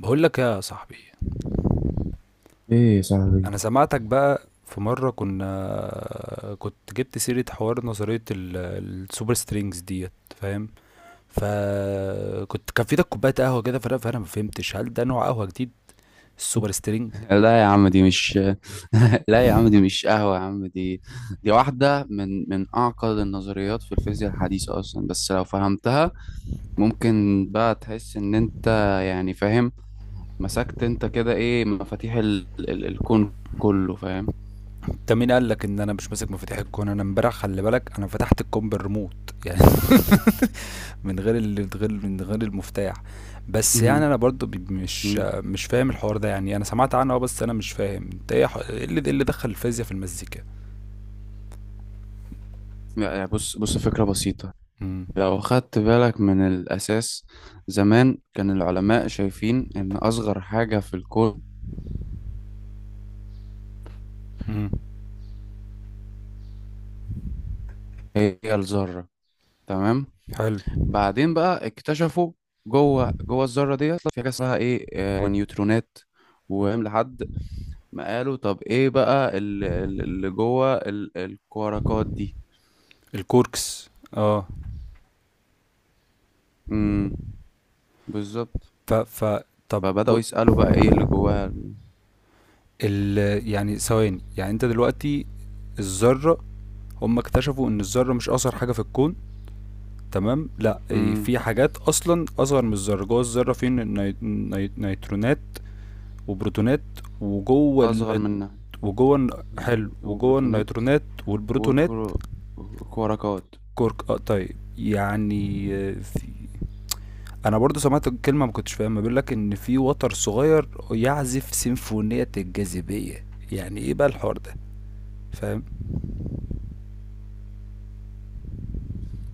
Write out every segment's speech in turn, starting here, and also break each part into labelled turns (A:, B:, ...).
A: بقول لك يا صاحبي،
B: ايه يا صاحبي.
A: انا سمعتك بقى في مرة كنت جبت سيرة حوار نظرية السوبر سترينجز ديت، فاهم؟ فكنت كان في ايدك كوباية قهوة كده، فانا ما فهمتش هل ده نوع قهوة جديد، السوبر سترينج.
B: لا يا عم دي مش لا يا عم دي مش قهوة يا عم. دي دي واحدة من أعقد النظريات في الفيزياء الحديثة أصلا، بس لو فهمتها ممكن بقى تحس إن أنت يعني فاهم، مسكت أنت كده إيه مفاتيح الكون كله فاهم.
A: انت مين قال لك ان انا مش ماسك مفاتيح الكون؟ انا امبارح خلي بالك انا فتحت الكون بالريموت يعني من غير من غير المفتاح. بس يعني
B: مهم.
A: انا برضو مش
B: مم.
A: مش فاهم الحوار ده. يعني انا سمعت عنه، اه، بس انا مش فاهم انت ايه إيه اللي دخل الفيزياء في المزيكا.
B: لا، يعني بص فكرة بسيطة.
A: امم.
B: لو خدت بالك من الأساس، زمان كان العلماء شايفين إن أصغر حاجة في الكون
A: مم.
B: هي الذرة. تمام.
A: حلو.
B: بعدين بقى اكتشفوا جوه الذره ديت في حاجه اسمها ايه نيوترونات. وهم لحد ما قالوا طب ايه بقى اللي جوه الكواركات دي.
A: الكوركس، اه.
B: امم بالظبط.
A: ف ف طب
B: فبداوا يسالوا بقى ايه اللي جواها.
A: ال... يعني ثواني، يعني انت دلوقتي الذرة هم اكتشفوا ان الذرة مش اصغر حاجة في الكون، تمام، لا إيه،
B: امم
A: في حاجات اصلا اصغر من الذرة، جوه الذرة في نيترونات وبروتونات، وجوه
B: اصغر منها.
A: وجوه حلو،
B: مم،
A: وجوه
B: وبروتونات.
A: النيترونات والبروتونات.
B: وكرو- وكواركات.
A: كورك، اه، طيب. يعني آه، في، انا برضو سمعت كلمه ما كنتش فاهمها، بيقول لك ان في وتر صغير يعزف سيمفونيه الجاذبيه. يعني ايه بقى الحوار ده؟ فاهم؟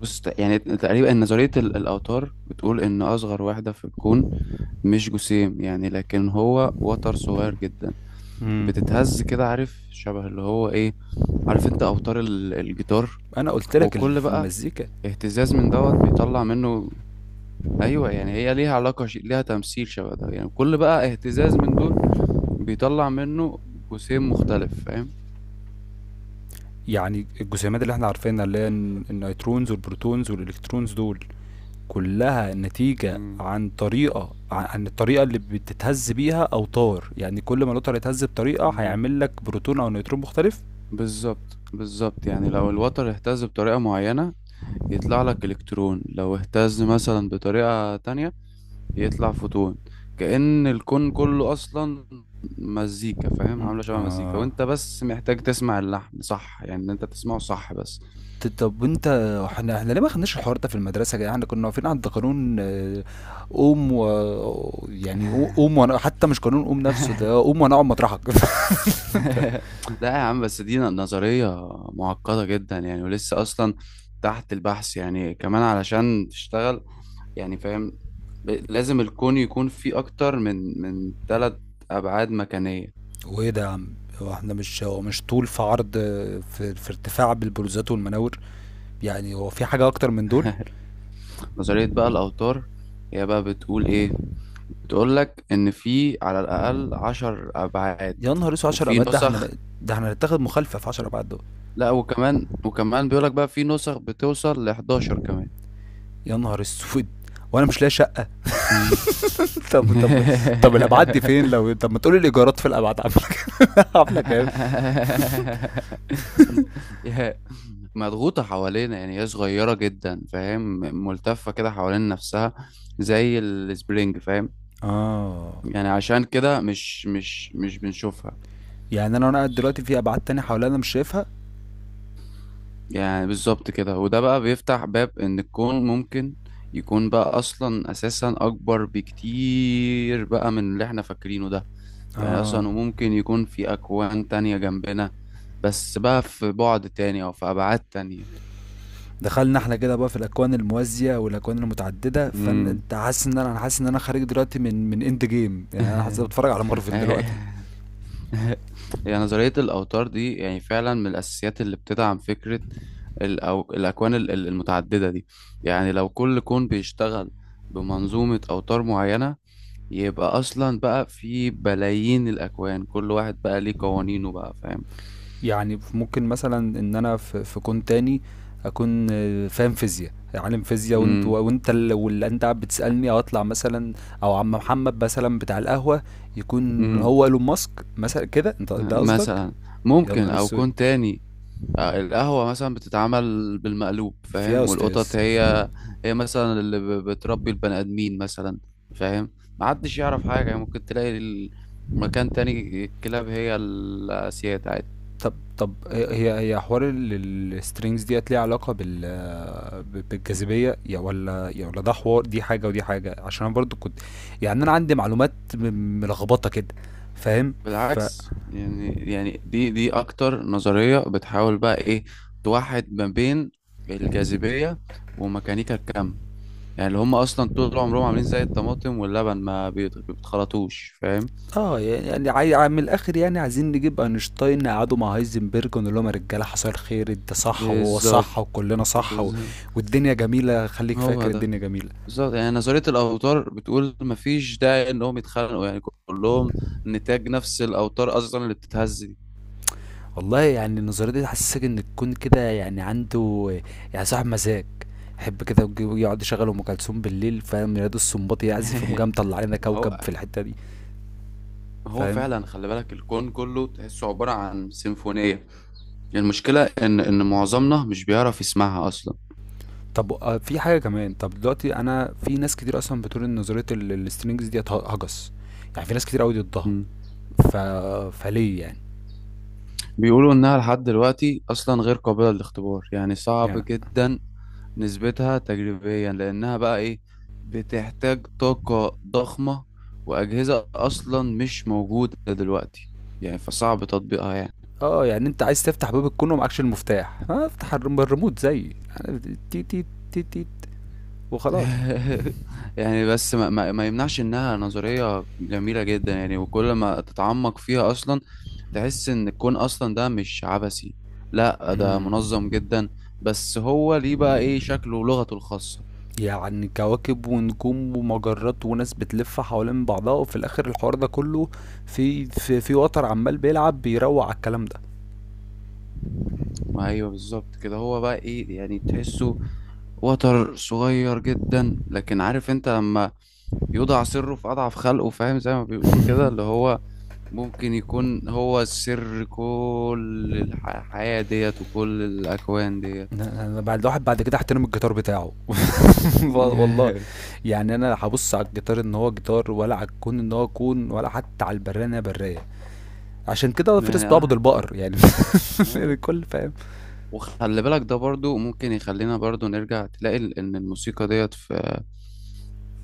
B: بص يعني تقريبا نظريه الاوتار بتقول ان اصغر واحده في الكون مش جسيم، يعني لكن هو وتر صغير جدا
A: امم.
B: بتتهز كده. عارف شبه اللي هو ايه؟ عارف انت اوتار الجيتار؟
A: انا قلت لك
B: وكل
A: في
B: بقى
A: المزيكا.
B: اهتزاز من دوت بيطلع منه. ايوه يعني هي ليها ليها تمثيل شبه ده، يعني كل بقى اهتزاز من دول بيطلع منه جسيم مختلف، فاهم.
A: يعني الجسيمات اللي احنا عارفينها، اللي هي النيوترونز والبروتونز والالكترونز دول، كلها نتيجة
B: مم.
A: عن طريقة عن الطريقة اللي بتتهز بيها أوتار. يعني كل ما الأوتار يتهز بطريقة
B: مم.
A: هيعمل لك بروتون أو نيوترون مختلف.
B: بالظبط بالظبط، يعني لو الوتر اهتز بطريقة معينة يطلع لك الكترون، لو اهتز مثلا بطريقة تانية يطلع فوتون. كأن الكون كله أصلا مزيكا فاهم،
A: مم.
B: عاملة شبه مزيكا،
A: آه.
B: وأنت بس محتاج تسمع اللحن صح، يعني إن أنت تسمعه صح بس.
A: طب وأنت، إحنا ليه ما خدناش الحوار ده في المدرسة يا جدعان؟ إحنا كنا واقفين عند قانون قوم و، يعني، قوم، وأنا حتى مش قانون قوم نفسه، ده قوم وأنا أقعد مطرحك فأنت،
B: لا يا عم، بس دي نظرية معقدة جدا يعني، ولسه أصلا تحت البحث. يعني كمان علشان تشتغل، يعني فاهم، لازم الكون يكون فيه أكتر من 3 أبعاد مكانية.
A: وإيه ده يا عم؟ هو إحنا مش، هو مش طول في عرض في في ارتفاع بالبروزات والمناور؟ يعني هو في حاجة أكتر من دول؟
B: نظرية بقى الأوتار هي بقى بتقول إيه؟ بتقول لك ان في على الاقل 10 ابعاد
A: يا نهار أسود! 10
B: وفي
A: أبعاد؟ ده إحنا
B: نسخ.
A: ن ده إحنا هنتاخد مخالفة في 10 أبعاد دول.
B: لا، وكمان وكمان بيقول لك بقى في نسخ بتوصل ل 11 كمان.
A: يا نهار أسود! وأنا مش لاقي شقة.
B: مم.
A: طب طب الأبعاد دي فين؟ لو طب ما تقول لي الإيجارات في الأبعاد عاملة عاملة كام؟
B: يا- مضغوطة حوالينا، يعني هي صغيرة جدا فاهم، ملتفة كده حوالين نفسها زي السبرينج فاهم.
A: آه.
B: يعني عشان كده مش بنشوفها.
A: يعني انا وانا قاعد دلوقتي في ابعاد تانية حواليا انا مش شايفها؟
B: يعني بالظبط كده، وده بقى بيفتح باب ان الكون ممكن يكون بقى اصلا اساسا اكبر بكتير بقى من اللي احنا فاكرينه ده. يعني
A: اه.
B: اصلا وممكن يكون في اكوان تانية جنبنا، بس بقى في بعد تاني او في ابعاد تانية.
A: دخلنا احنا كده بقى في الاكوان الموازيه والاكوان المتعدده.
B: امم
A: فانت حاسس ان انا، انا حاسس ان انا خارج دلوقتي من اند جيم، يعني انا حاسس بتفرج على مارفل دلوقتي.
B: يعني نظرية الأوتار دي يعني فعلا من الأساسيات اللي بتدعم فكرة أو الأكوان المتعددة دي. يعني لو كل كون بيشتغل بمنظومة أوتار معينة، يبقى اصلا بقى في بلايين الاكوان، كل واحد بقى ليه قوانينه بقى فاهم.
A: يعني ممكن مثلا ان انا في كون تاني اكون، آه، فاهم فيزياء، عالم فيزياء، وانت
B: امم
A: وانت واللي انت قاعد بتسالني او اطلع مثلا، او عم محمد مثلا بتاع القهوه يكون
B: امم
A: هو ايلون ماسك مثلا، كده انت ده قصدك؟
B: مثلا.
A: يا
B: ممكن
A: نهار
B: او
A: اسود.
B: كون تاني، آه، القهوة مثلا بتتعمل بالمقلوب
A: فيها يا
B: فاهم،
A: استاذ.
B: والقطط هي هي مثلا اللي بتربي البني آدمين مثلا فاهم. محدش يعرف حاجة. يعني ممكن تلاقي مكان تاني الكلاب هي السيد عادي.
A: طب هي حوار السترينجز ديت ليها علاقة بالجاذبية يا ولا، يا ولا ده حوار، دي حاجة ودي حاجة؟ عشان انا برضو كنت، يعني انا عندي معلومات ملخبطة كده. فاهم؟ ف
B: بالعكس، يعني يعني دي اكتر نظرية بتحاول بقى ايه؟ توحد ما بين الجاذبية وميكانيكا الكم. يعني اللي هم اصلا طول عمرهم عاملين زي الطماطم واللبن ما بيتخلطوش، فاهم.
A: اه. يعني عاي- من الاخر، يعني عايزين نجيب اينشتاين نقعده مع هايزنبرج ونقول لهم يا رجاله حصل خير، انت صح وهو
B: بالظبط
A: صح وكلنا صح، و...
B: بالظبط.
A: والدنيا جميله، خليك
B: هو
A: فاكر
B: ده
A: الدنيا جميله.
B: بالظبط، يعني نظرية الأوتار بتقول مفيش داعي إنهم يتخانقوا، يعني كلهم نتاج نفس الأوتار أصلا اللي بتتهز دي.
A: والله يعني النظرية دي تحسسك ان الكون كده يعني عنده، يعني صاحب مزاج، يحب كده يقعد يشغل ام كلثوم بالليل، فاهم، ينادي السنباطي يعزف، يقوم جاي مطلع لنا
B: ما هو
A: كوكب في الحتة دي.
B: ما هو
A: فاهم؟
B: فعلا، خلي بالك الكون كله تحسه عبارة عن سيمفونية. المشكلة إن معظمنا مش بيعرف يسمعها أصلا.
A: طب آه، في حاجة كمان. طب دلوقتي انا في ناس كتير اصلا بتقول ان نظرية السترينجز ديت هجس، يعني في ناس كتير قوي ضدها.
B: مم.
A: ف... فليه يعني؟
B: بيقولوا إنها لحد دلوقتي أصلا غير قابلة للاختبار، يعني صعب
A: يعني
B: جدا نسبتها تجريبيا لأنها بقى إيه؟ بتحتاج طاقة ضخمة، وأجهزة أصلا مش موجودة دلوقتي، يعني فصعب تطبيقها يعني.
A: اه، يعني انت عايز تفتح باب الكون ومعكش المفتاح، آه، افتح الريموت زي، يعني، تي تي تي تي وخلاص.
B: يعني بس ما يمنعش انها نظرية جميلة جدا، يعني وكل ما تتعمق فيها اصلا تحس ان الكون اصلا ده مش عبثي، لا ده منظم جدا، بس هو ليه بقى ايه شكله ولغته الخاصة.
A: يعني كواكب ونجوم ومجرات وناس بتلف حوالين بعضها، وفي الاخر الحوار ده كله في وتر عمال بيلعب بيروق على الكلام ده.
B: ما ايوه، بالظبط كده، هو بقى ايه يعني، تحسه وتر صغير جدا، لكن عارف انت لما يوضع سره في اضعف خلقه، فاهم زي ما بيقولوا كده، اللي هو ممكن يكون هو السر كل الحياة ديت وكل الأكوان ديت.
A: انا بعد الواحد بعد كده احترم الجيتار بتاعه والله. يعني انا هبص على الجيتار ان هو جيتار، ولا على الكون ان هو كون، ولا حتى على البرية ان هي برية؟ عشان كده فيرس
B: يعني
A: بيعبد
B: اه.
A: البقر يعني
B: آه.
A: الكل فاهم.
B: وخلي بالك ده برضو ممكن يخلينا برضو نرجع تلاقي إن الموسيقى ديت في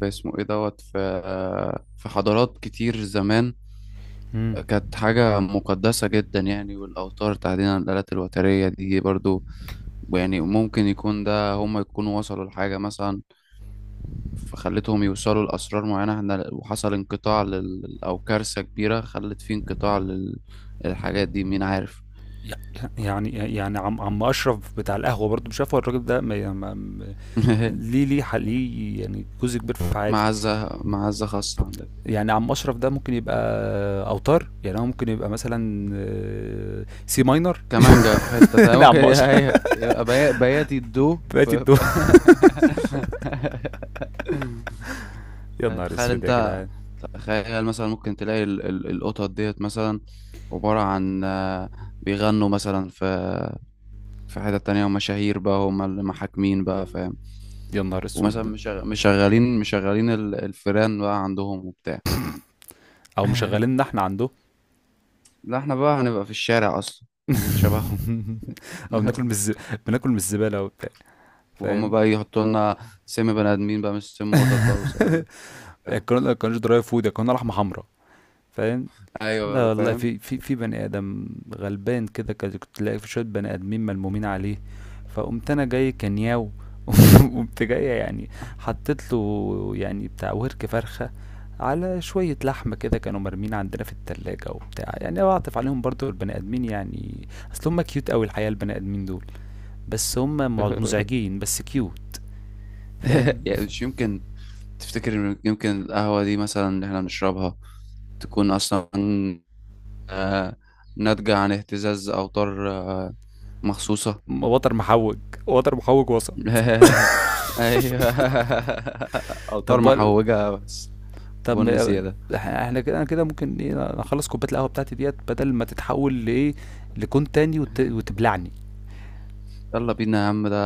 B: في اسمه إيه دوت في في حضارات كتير زمان
A: مم.
B: كانت حاجة مقدسة جدا، يعني والأوتار تحديدا الآلات الوترية دي برضو. يعني ممكن يكون ده هم يكونوا وصلوا لحاجة مثلا فخلتهم يوصلوا لأسرار معينة احنا، وحصل انقطاع أو كارثة كبيرة خلت فيه انقطاع للحاجات دي، مين عارف.
A: يعني عم اشرف بتاع القهوه برضه، مش عارف هو الراجل ده ليه، ليه يعني جزء كبير في حياتي؟
B: معزة معزة خاصة عندك.
A: يعني عم اشرف ده ممكن يبقى اوتار، يعني هو ممكن يبقى مثلا آه، سي ماينر
B: كمانجا في حتة تانية
A: لا
B: ممكن
A: عم اشرف
B: يبقى بياتي الدو
A: بقيت الدور يا نهار
B: تخيل
A: اسود يا
B: انت،
A: جدعان.
B: تخيل مثلا ممكن تلاقي القطط ديت مثلا عبارة عن بيغنوا مثلا في في حتة تانية، ومشاهير بقى هم اللي محاكمين بقى فاهم.
A: يا نهار
B: ومثلا
A: اسود.
B: مشغلين الفيران بقى عندهم وبتاع.
A: او مشغليننا احنا عنده
B: لا احنا بقى هنبقى في الشارع اصلا شبههم.
A: او بناكل بناكل من الزباله وبتاع،
B: وهم
A: فاهم.
B: بقى يحطوا لنا سم بني ادمين بقى، مش سم قطط بقى، وس... آه،
A: القناه درايف فود، القناه لحمه حمراء، فاهم.
B: ايوه
A: لا
B: بقى،
A: والله،
B: فاهم.
A: في في بني ادم غلبان كده، كده كنت تلاقي في شويه بني ادمين ملمومين عليه، فقمت انا جاي كنياو قمت جاي يعني حطيت له يعني بتاع ورك فرخه على شويه لحمه كده كانوا مرمين عندنا في التلاجة وبتاع. يعني بعطف عليهم برضو البني ادمين، يعني اصل هم كيوت قوي الحقيقه البني ادمين دول، بس هم مزعجين بس كيوت، فاهم
B: يعني مش يمكن تفتكر إن يمكن القهوة دي مثلا اللي احنا بنشربها تكون أصلا آه، ناتجة عن اهتزاز أوتار مخصوصة؟
A: وتر محوج وتر محوج وسط.
B: أيوه، أوتار
A: طب
B: محوجة بس،
A: طب
B: بن
A: ما-
B: زيادة.
A: احنا كده، انا كده ممكن ايه اخلص كوبايه القهوه بتاعتي ديت بدل ما تتحول لايه، لكون تاني وتبلعني.
B: يلا بينا يا عم ده.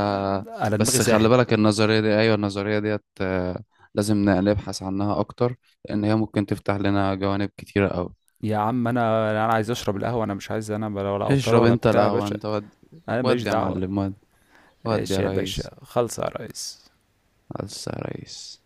A: انا دماغي
B: بس خلي
A: ساحت.
B: بالك النظرية دي، أيوة النظرية ديت لازم نبحث عنها أكتر، لأن هي ممكن تفتح لنا جوانب كتيرة أوي.
A: يا عم انا، عايز اشرب القهوه، انا مش عايز، انا ولا اوتر
B: اشرب
A: ولا
B: أنت
A: بتاع يا
B: القهوة
A: باشا.
B: أنت. ودي
A: انا ماليش
B: ودي يا
A: دعوه.
B: معلم، ودي ودي يا
A: ماشي يا باشا،
B: ريس.
A: خلص يا ريس.
B: بس يا ريس.